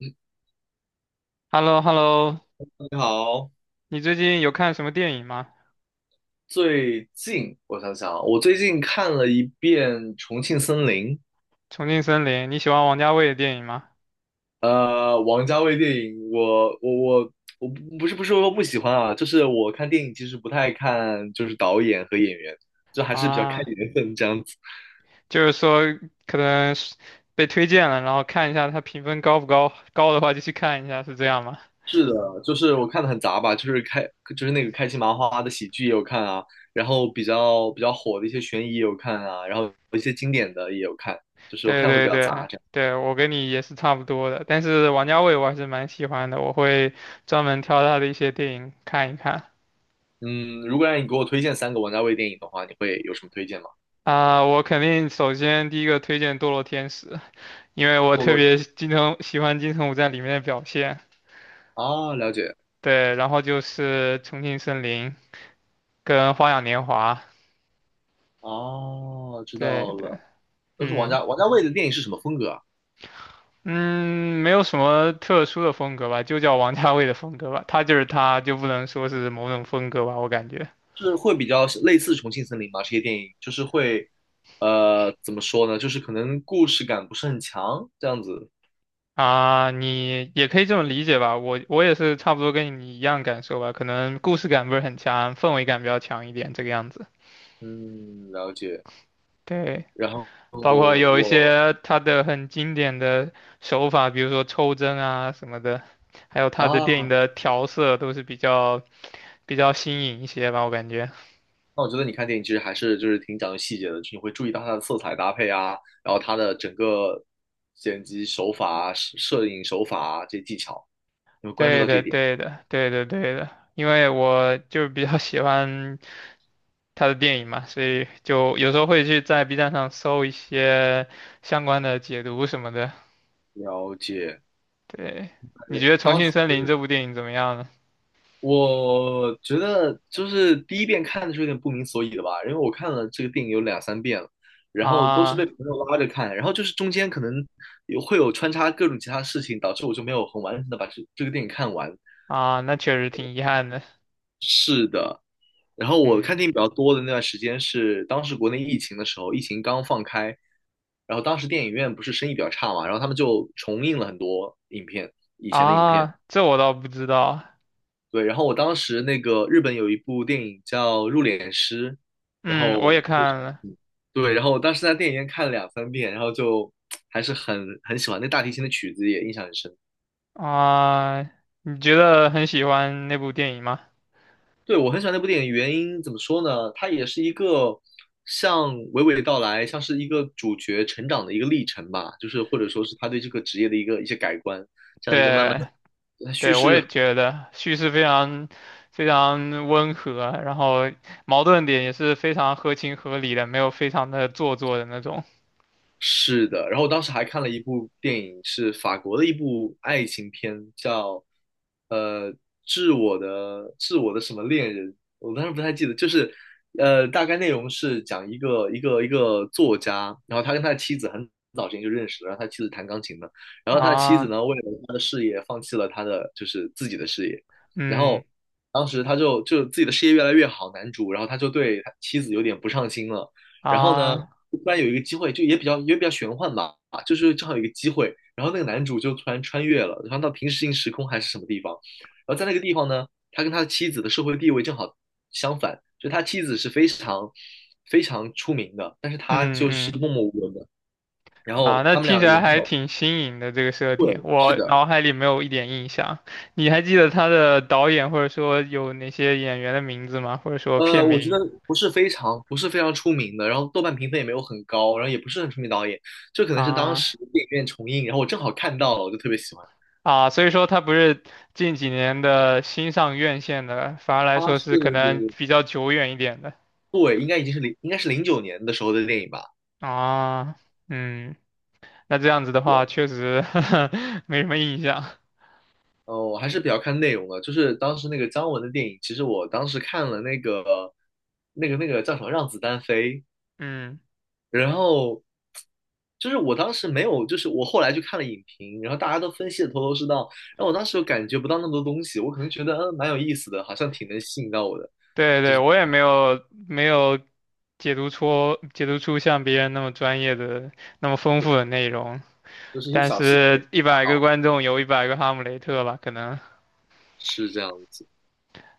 嗯 h e l l o h e l l o 你好，你最近有看什么电影吗？最近我想想啊，我最近看了一遍《重庆森林》。《重庆森林》，你喜欢王家卫的电影吗？王家卫电影，我不是说不喜欢啊，就是我看电影其实不太看，就是导演和演员，就还是比较看啊，缘分这样子。就是说可能是被推荐了，然后看一下他评分高不高，高的话就去看一下，是这样吗？是的，就是我看的很杂吧，就是开就是那个开心麻花的喜剧也有看啊，然后比较火的一些悬疑也有看啊，然后一些经典的也有看，就是我对看的会对比较杂。对这样。对，我跟你也是差不多的，但是王家卫我还是蛮喜欢的，我会专门挑他的一些电影看一看。嗯，如果让你给我推荐三个王家卫电影的话，你会有什么推荐吗？啊、我肯定首先第一个推荐《堕落天使》，因为我堕特落别金城喜欢金城武在里面的表现。啊，了解。对，然后就是《重庆森林》跟《花样年华》，哦，知对道对，了。都是王嗯家王家卫的电影是什么风格啊？嗯，没有什么特殊的风格吧，就叫王家卫的风格吧，他就是他，就不能说是某种风格吧，我感觉是会比较类似《重庆森林》吗？这些电影就是会，怎么说呢？就是可能故事感不是很强，这样子。啊，你也可以这么理解吧，我也是差不多跟你一样感受吧，可能故事感不是很强，氛围感比较强一点，这个样子，嗯，了解。对。然后包括有一我些他的很经典的手法，比如说抽帧啊什么的，还有他的电啊，影的调色都是比较新颖一些吧，我感觉。那我觉得你看电影其实还是就是挺讲究细节的，就是你会注意到它的色彩搭配啊，然后它的整个剪辑手法啊、摄影手法啊这些技巧，你会关注对到这的，一点。对的，对的，对的。因为我就比较喜欢他的电影嘛，所以就有时候会去在 B 站上搜一些相关的解读什么的。了解。对，你对，觉得《重当时庆森林》这部电影怎么样呢？我觉得就是第一遍看的时候有点不明所以的吧，因为我看了这个电影有两三遍了，然后都是被啊朋友拉着看，然后就是中间可能有会有穿插各种其他事情，导致我就没有很完整的把这个电影看完。啊，那确实挺遗憾的。然后我看嗯电影比较多的那段时间是当时国内疫情的时候，疫情刚放开，然后当时电影院不是生意比较差嘛，然后他们就重映了很多影片，以前的影片。啊，这我倒不知道。对，然后我当时那个日本有一部电影叫《入殓师》，然嗯，后我我也看了嗯对，然后我当时在电影院看了两三遍，然后就还是很喜欢，那大提琴的曲子也印象很深。啊。你觉得很喜欢那部电影吗？对，我很喜欢那部电影，原因怎么说呢？它也是一个像娓娓道来，像是一个主角成长的一个历程吧，就是或者说是他对这个职业的一些改观，这样一个慢慢对，的，它叙对，我事也觉得叙事非常非常温和，然后矛盾点也是非常合情合理的，没有非常的做作的那种是的。然后我当时还看了一部电影，是法国的一部爱情片，叫呃《致我的什么恋人》，我当时不太记得，就是大概内容是讲一个作家，然后他跟他的妻子很早之前就认识了，然后他妻子弹钢琴的，然后他的妻子啊，呢为了他的事业放弃了他的就是自己的事业，然嗯后当时他就就自己的事业越来越好，男主，然后他就对他妻子有点不上心了。然后呢，啊，突然有一个机会，就也比较玄幻吧，就是正好有一个机会，然后那个男主就突然穿越了，然后到平行时空还是什么地方，然后在那个地方呢，他跟他的妻子的社会地位正好相反，就他妻子是非常出名的，但是他嗯就是嗯默默无闻的，然啊，后那他们俩听也起来没还有挺新颖的这个设定，对，是我的。脑海里没有一点印象。你还记得他的导演或者说有哪些演员的名字吗？或者说片我觉得名不是非常出名的，然后豆瓣评分也没有很高，然后也不是很出名导演，这可能是当啊？时电影院重映，然后我正好看到了，我就特别喜欢。啊，所以说它不是近几年的新上院线的，反而来他说是可能是，比较久远一点的。对，应该已经是零，应该是零九年的时候的电影吧？啊，嗯，那这样子的对，话，确实 没什么印象。我还是比较看内容的，就是当时那个姜文的电影，其实我当时看了那个叫什么《让子弹飞》，嗯，然后就是我当时没有，就是我后来去看了影评，然后大家都分析的头头是道，然后我当时又感觉不到那么多东西，我可能觉得嗯蛮有意思的，好像挺能吸引到我的，对对，我也没有解读出像别人那么专业的、那么丰富的内容。就是一些但小细是，节。一啊百个好，观众有一百个哈姆雷特吧，可能。是这样子。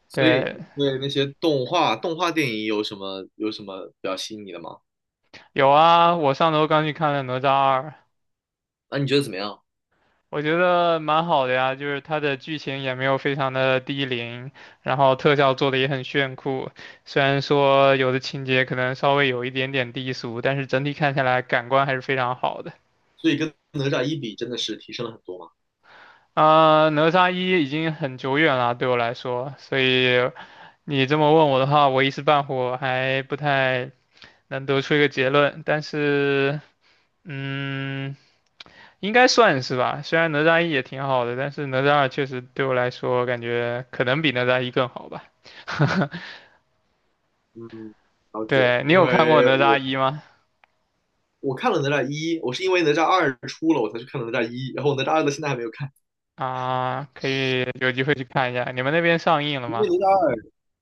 所以对，对那些动画电影有什么比较吸引你的吗？有啊，我上周刚去看了《哪吒二》，那你觉得怎么样？我觉得蛮好的呀，就是它的剧情也没有非常的低龄，然后特效做的也很炫酷。虽然说有的情节可能稍微有一点点低俗，但是整体看下来感官还是非常好的。所以跟哪吒一比，真的是提升了很多嘛。啊、哪吒一已经很久远了，对我来说，所以你这么问我的话，我一时半会儿还不太能得出一个结论。但是，嗯。应该算是吧。虽然哪吒一也挺好的，但是哪吒二确实对我来说感觉可能比哪吒一更好吧。嗯，了解。对，你因有看过为哪吒我一吗？我看了哪吒一，我是因为哪吒二出了我才去看了哪吒一，然后哪吒二的现在还没有看。啊，可以有机会去看一下。你们那边上映了吗？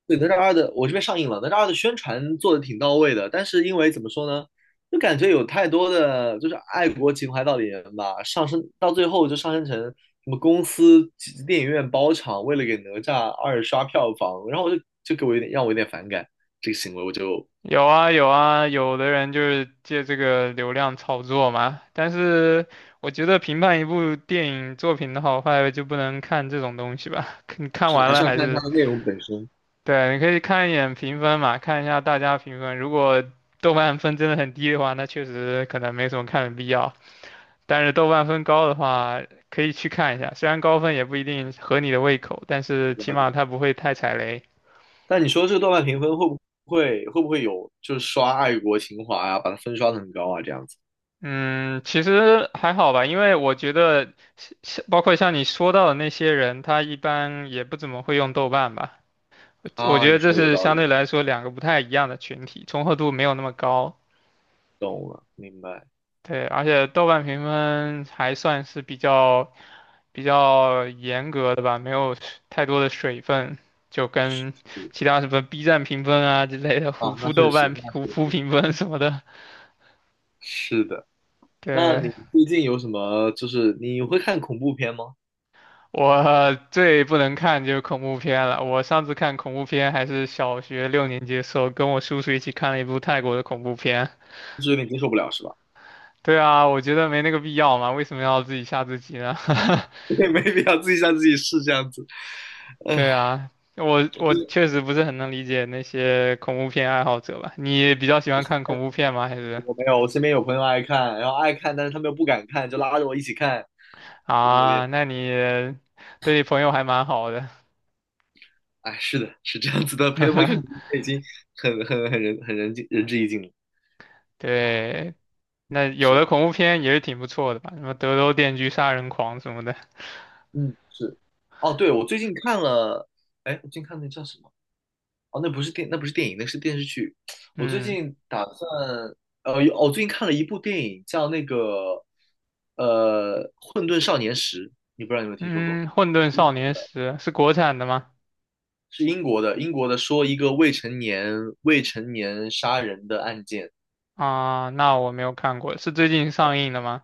对，哪吒二的我这边上映了，哪吒二的宣传做的挺到位的，但是因为怎么说呢，就感觉有太多的就是爱国情怀到里面吧，上升到最后就上升成什么公司电影院包场，为了给哪吒二刷票房，然后我就就给我有点让我有点反感这个行为，我就有啊有啊，有的人就是借这个流量炒作嘛。但是我觉得评判一部电影作品的好坏就不能看这种东西吧，你看是完还是了要还看它是的内容本身。对，你可以看一眼评分嘛，看一下大家评分。如果豆瓣分真的很低的话，那确实可能没什么看的必要。但是豆瓣分高的话，可以去看一下。虽然高分也不一定合你的胃口，但是起了码它不会太踩雷。但你说这个豆瓣评分会不会有就是刷爱国情怀啊，把它分刷的很高啊这样子？嗯，其实还好吧，因为我觉得像包括像你说到的那些人，他一般也不怎么会用豆瓣吧。我啊？觉得你这说的有是道相理，对来说两个不太一样的群体，重合度没有那么高。懂了，明白。对，而且豆瓣评分还算是比较严格的吧，没有太多的水分，就跟嗯其他什么 B 站评分啊之类的、啊，虎那扑确豆实，瓣、那虎确扑实评分什么的。是的。那你对，最近有什么就是你会看恐怖片吗？我最不能看就是恐怖片了。我上次看恐怖片还是小学六年级的时候，跟我叔叔一起看了一部泰国的恐怖片。就是有点接受不了是吧？对啊，我觉得没那个必要嘛，为什么要自己吓自己呢？也没必要自己让自己是这样子。对啊，我就我是确实不是很能理解那些恐怖片爱好者吧？你比较喜欢看恐怖片吗？还是我没有，我身边有朋友爱看，然后爱看，但是他们又不敢看，就拉着我一起看，就有啊？点。那你对你朋友还蛮好的。哎，是的，是这样子的，陪他们看恐怖片已经很尽人至义尽了。对，那有是。的恐怖片也是挺不错的吧？什么《德州电锯杀人狂》什么的。嗯，是。哦，对，我最近看了，哎，我最近看那叫什么？哦，那不是电，那不是电影，那是电视剧。我最嗯近打算，有哦我最近看了一部电影，叫那个，呃，《混沌少年时》，你不知道有没有听说过？嗯，《混沌英少国年的，时》是国产的吗？是英国的，英国的，说一个未成年杀人的案件。啊，那我没有看过，是最近上映的吗？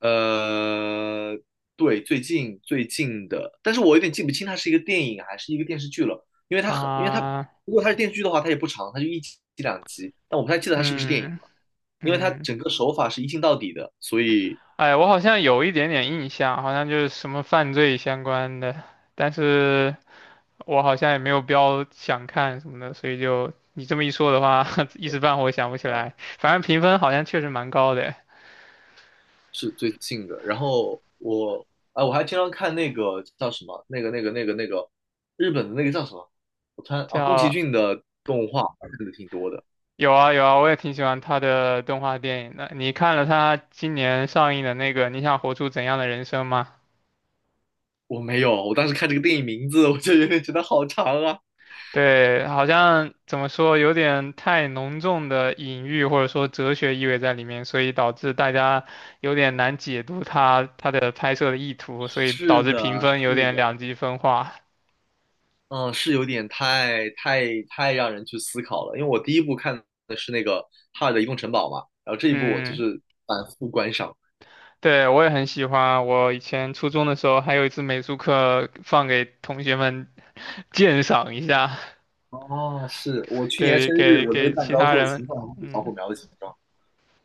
呃，对，最近最近的，但是我有点记不清它是一个电影还是一个电视剧了，因为它很，因为它啊，如果它是电视剧的话，它也不长，它就一集两集，但我不太记得它是不是电影嗯了，因为它嗯整个手法是一镜到底的，所以哎，我好像有一点点印象，好像就是什么犯罪相关的，但是我好像也没有标想看什么的，所以就你这么一说的话，一时半会儿想不起嗯、呃来。反正评分好像确实蛮高的，是最近的。我还经常看那个叫什么，那个日本的那个叫什么，我突然啊，宫崎叫骏的动画看的挺多的。有啊有啊，我也挺喜欢他的动画电影的。你看了他今年上映的那个《你想活出怎样的人生》吗？我没有，我当时看这个电影名字，我就有点觉得好长啊。对，好像怎么说，有点太浓重的隐喻或者说哲学意味在里面，所以导致大家有点难解读它的拍摄的意图，所以导是致的，评分是有点的，两极分化。嗯，是有点太让人去思考了。因为我第一部看的是那个《哈尔的移动城堡》嘛，然后这一部我就嗯，是反复观赏。对，我也很喜欢。我以前初中的时候还有一次美术课放给同学们鉴赏一下，哦，是我去年给生日，给我那个给蛋其糕他做的人。形状就是小嗯，火苗的形状。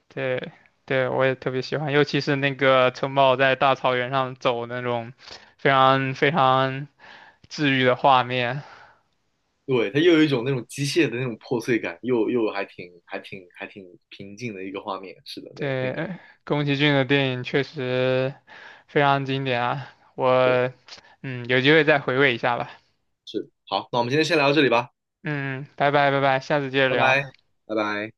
对对，我也特别喜欢，尤其是那个城堡在大草原上走那种非常非常。治愈的画面。对，它又有一种那种机械的那种破碎感，又又还挺平静的一个画面。是的，那那个对，宫崎骏的电影确实非常经典啊，对，我嗯有机会再回味一下吧。是好，那我们今天先聊到这里吧，嗯，拜拜拜拜，下次接着拜拜，聊。拜拜。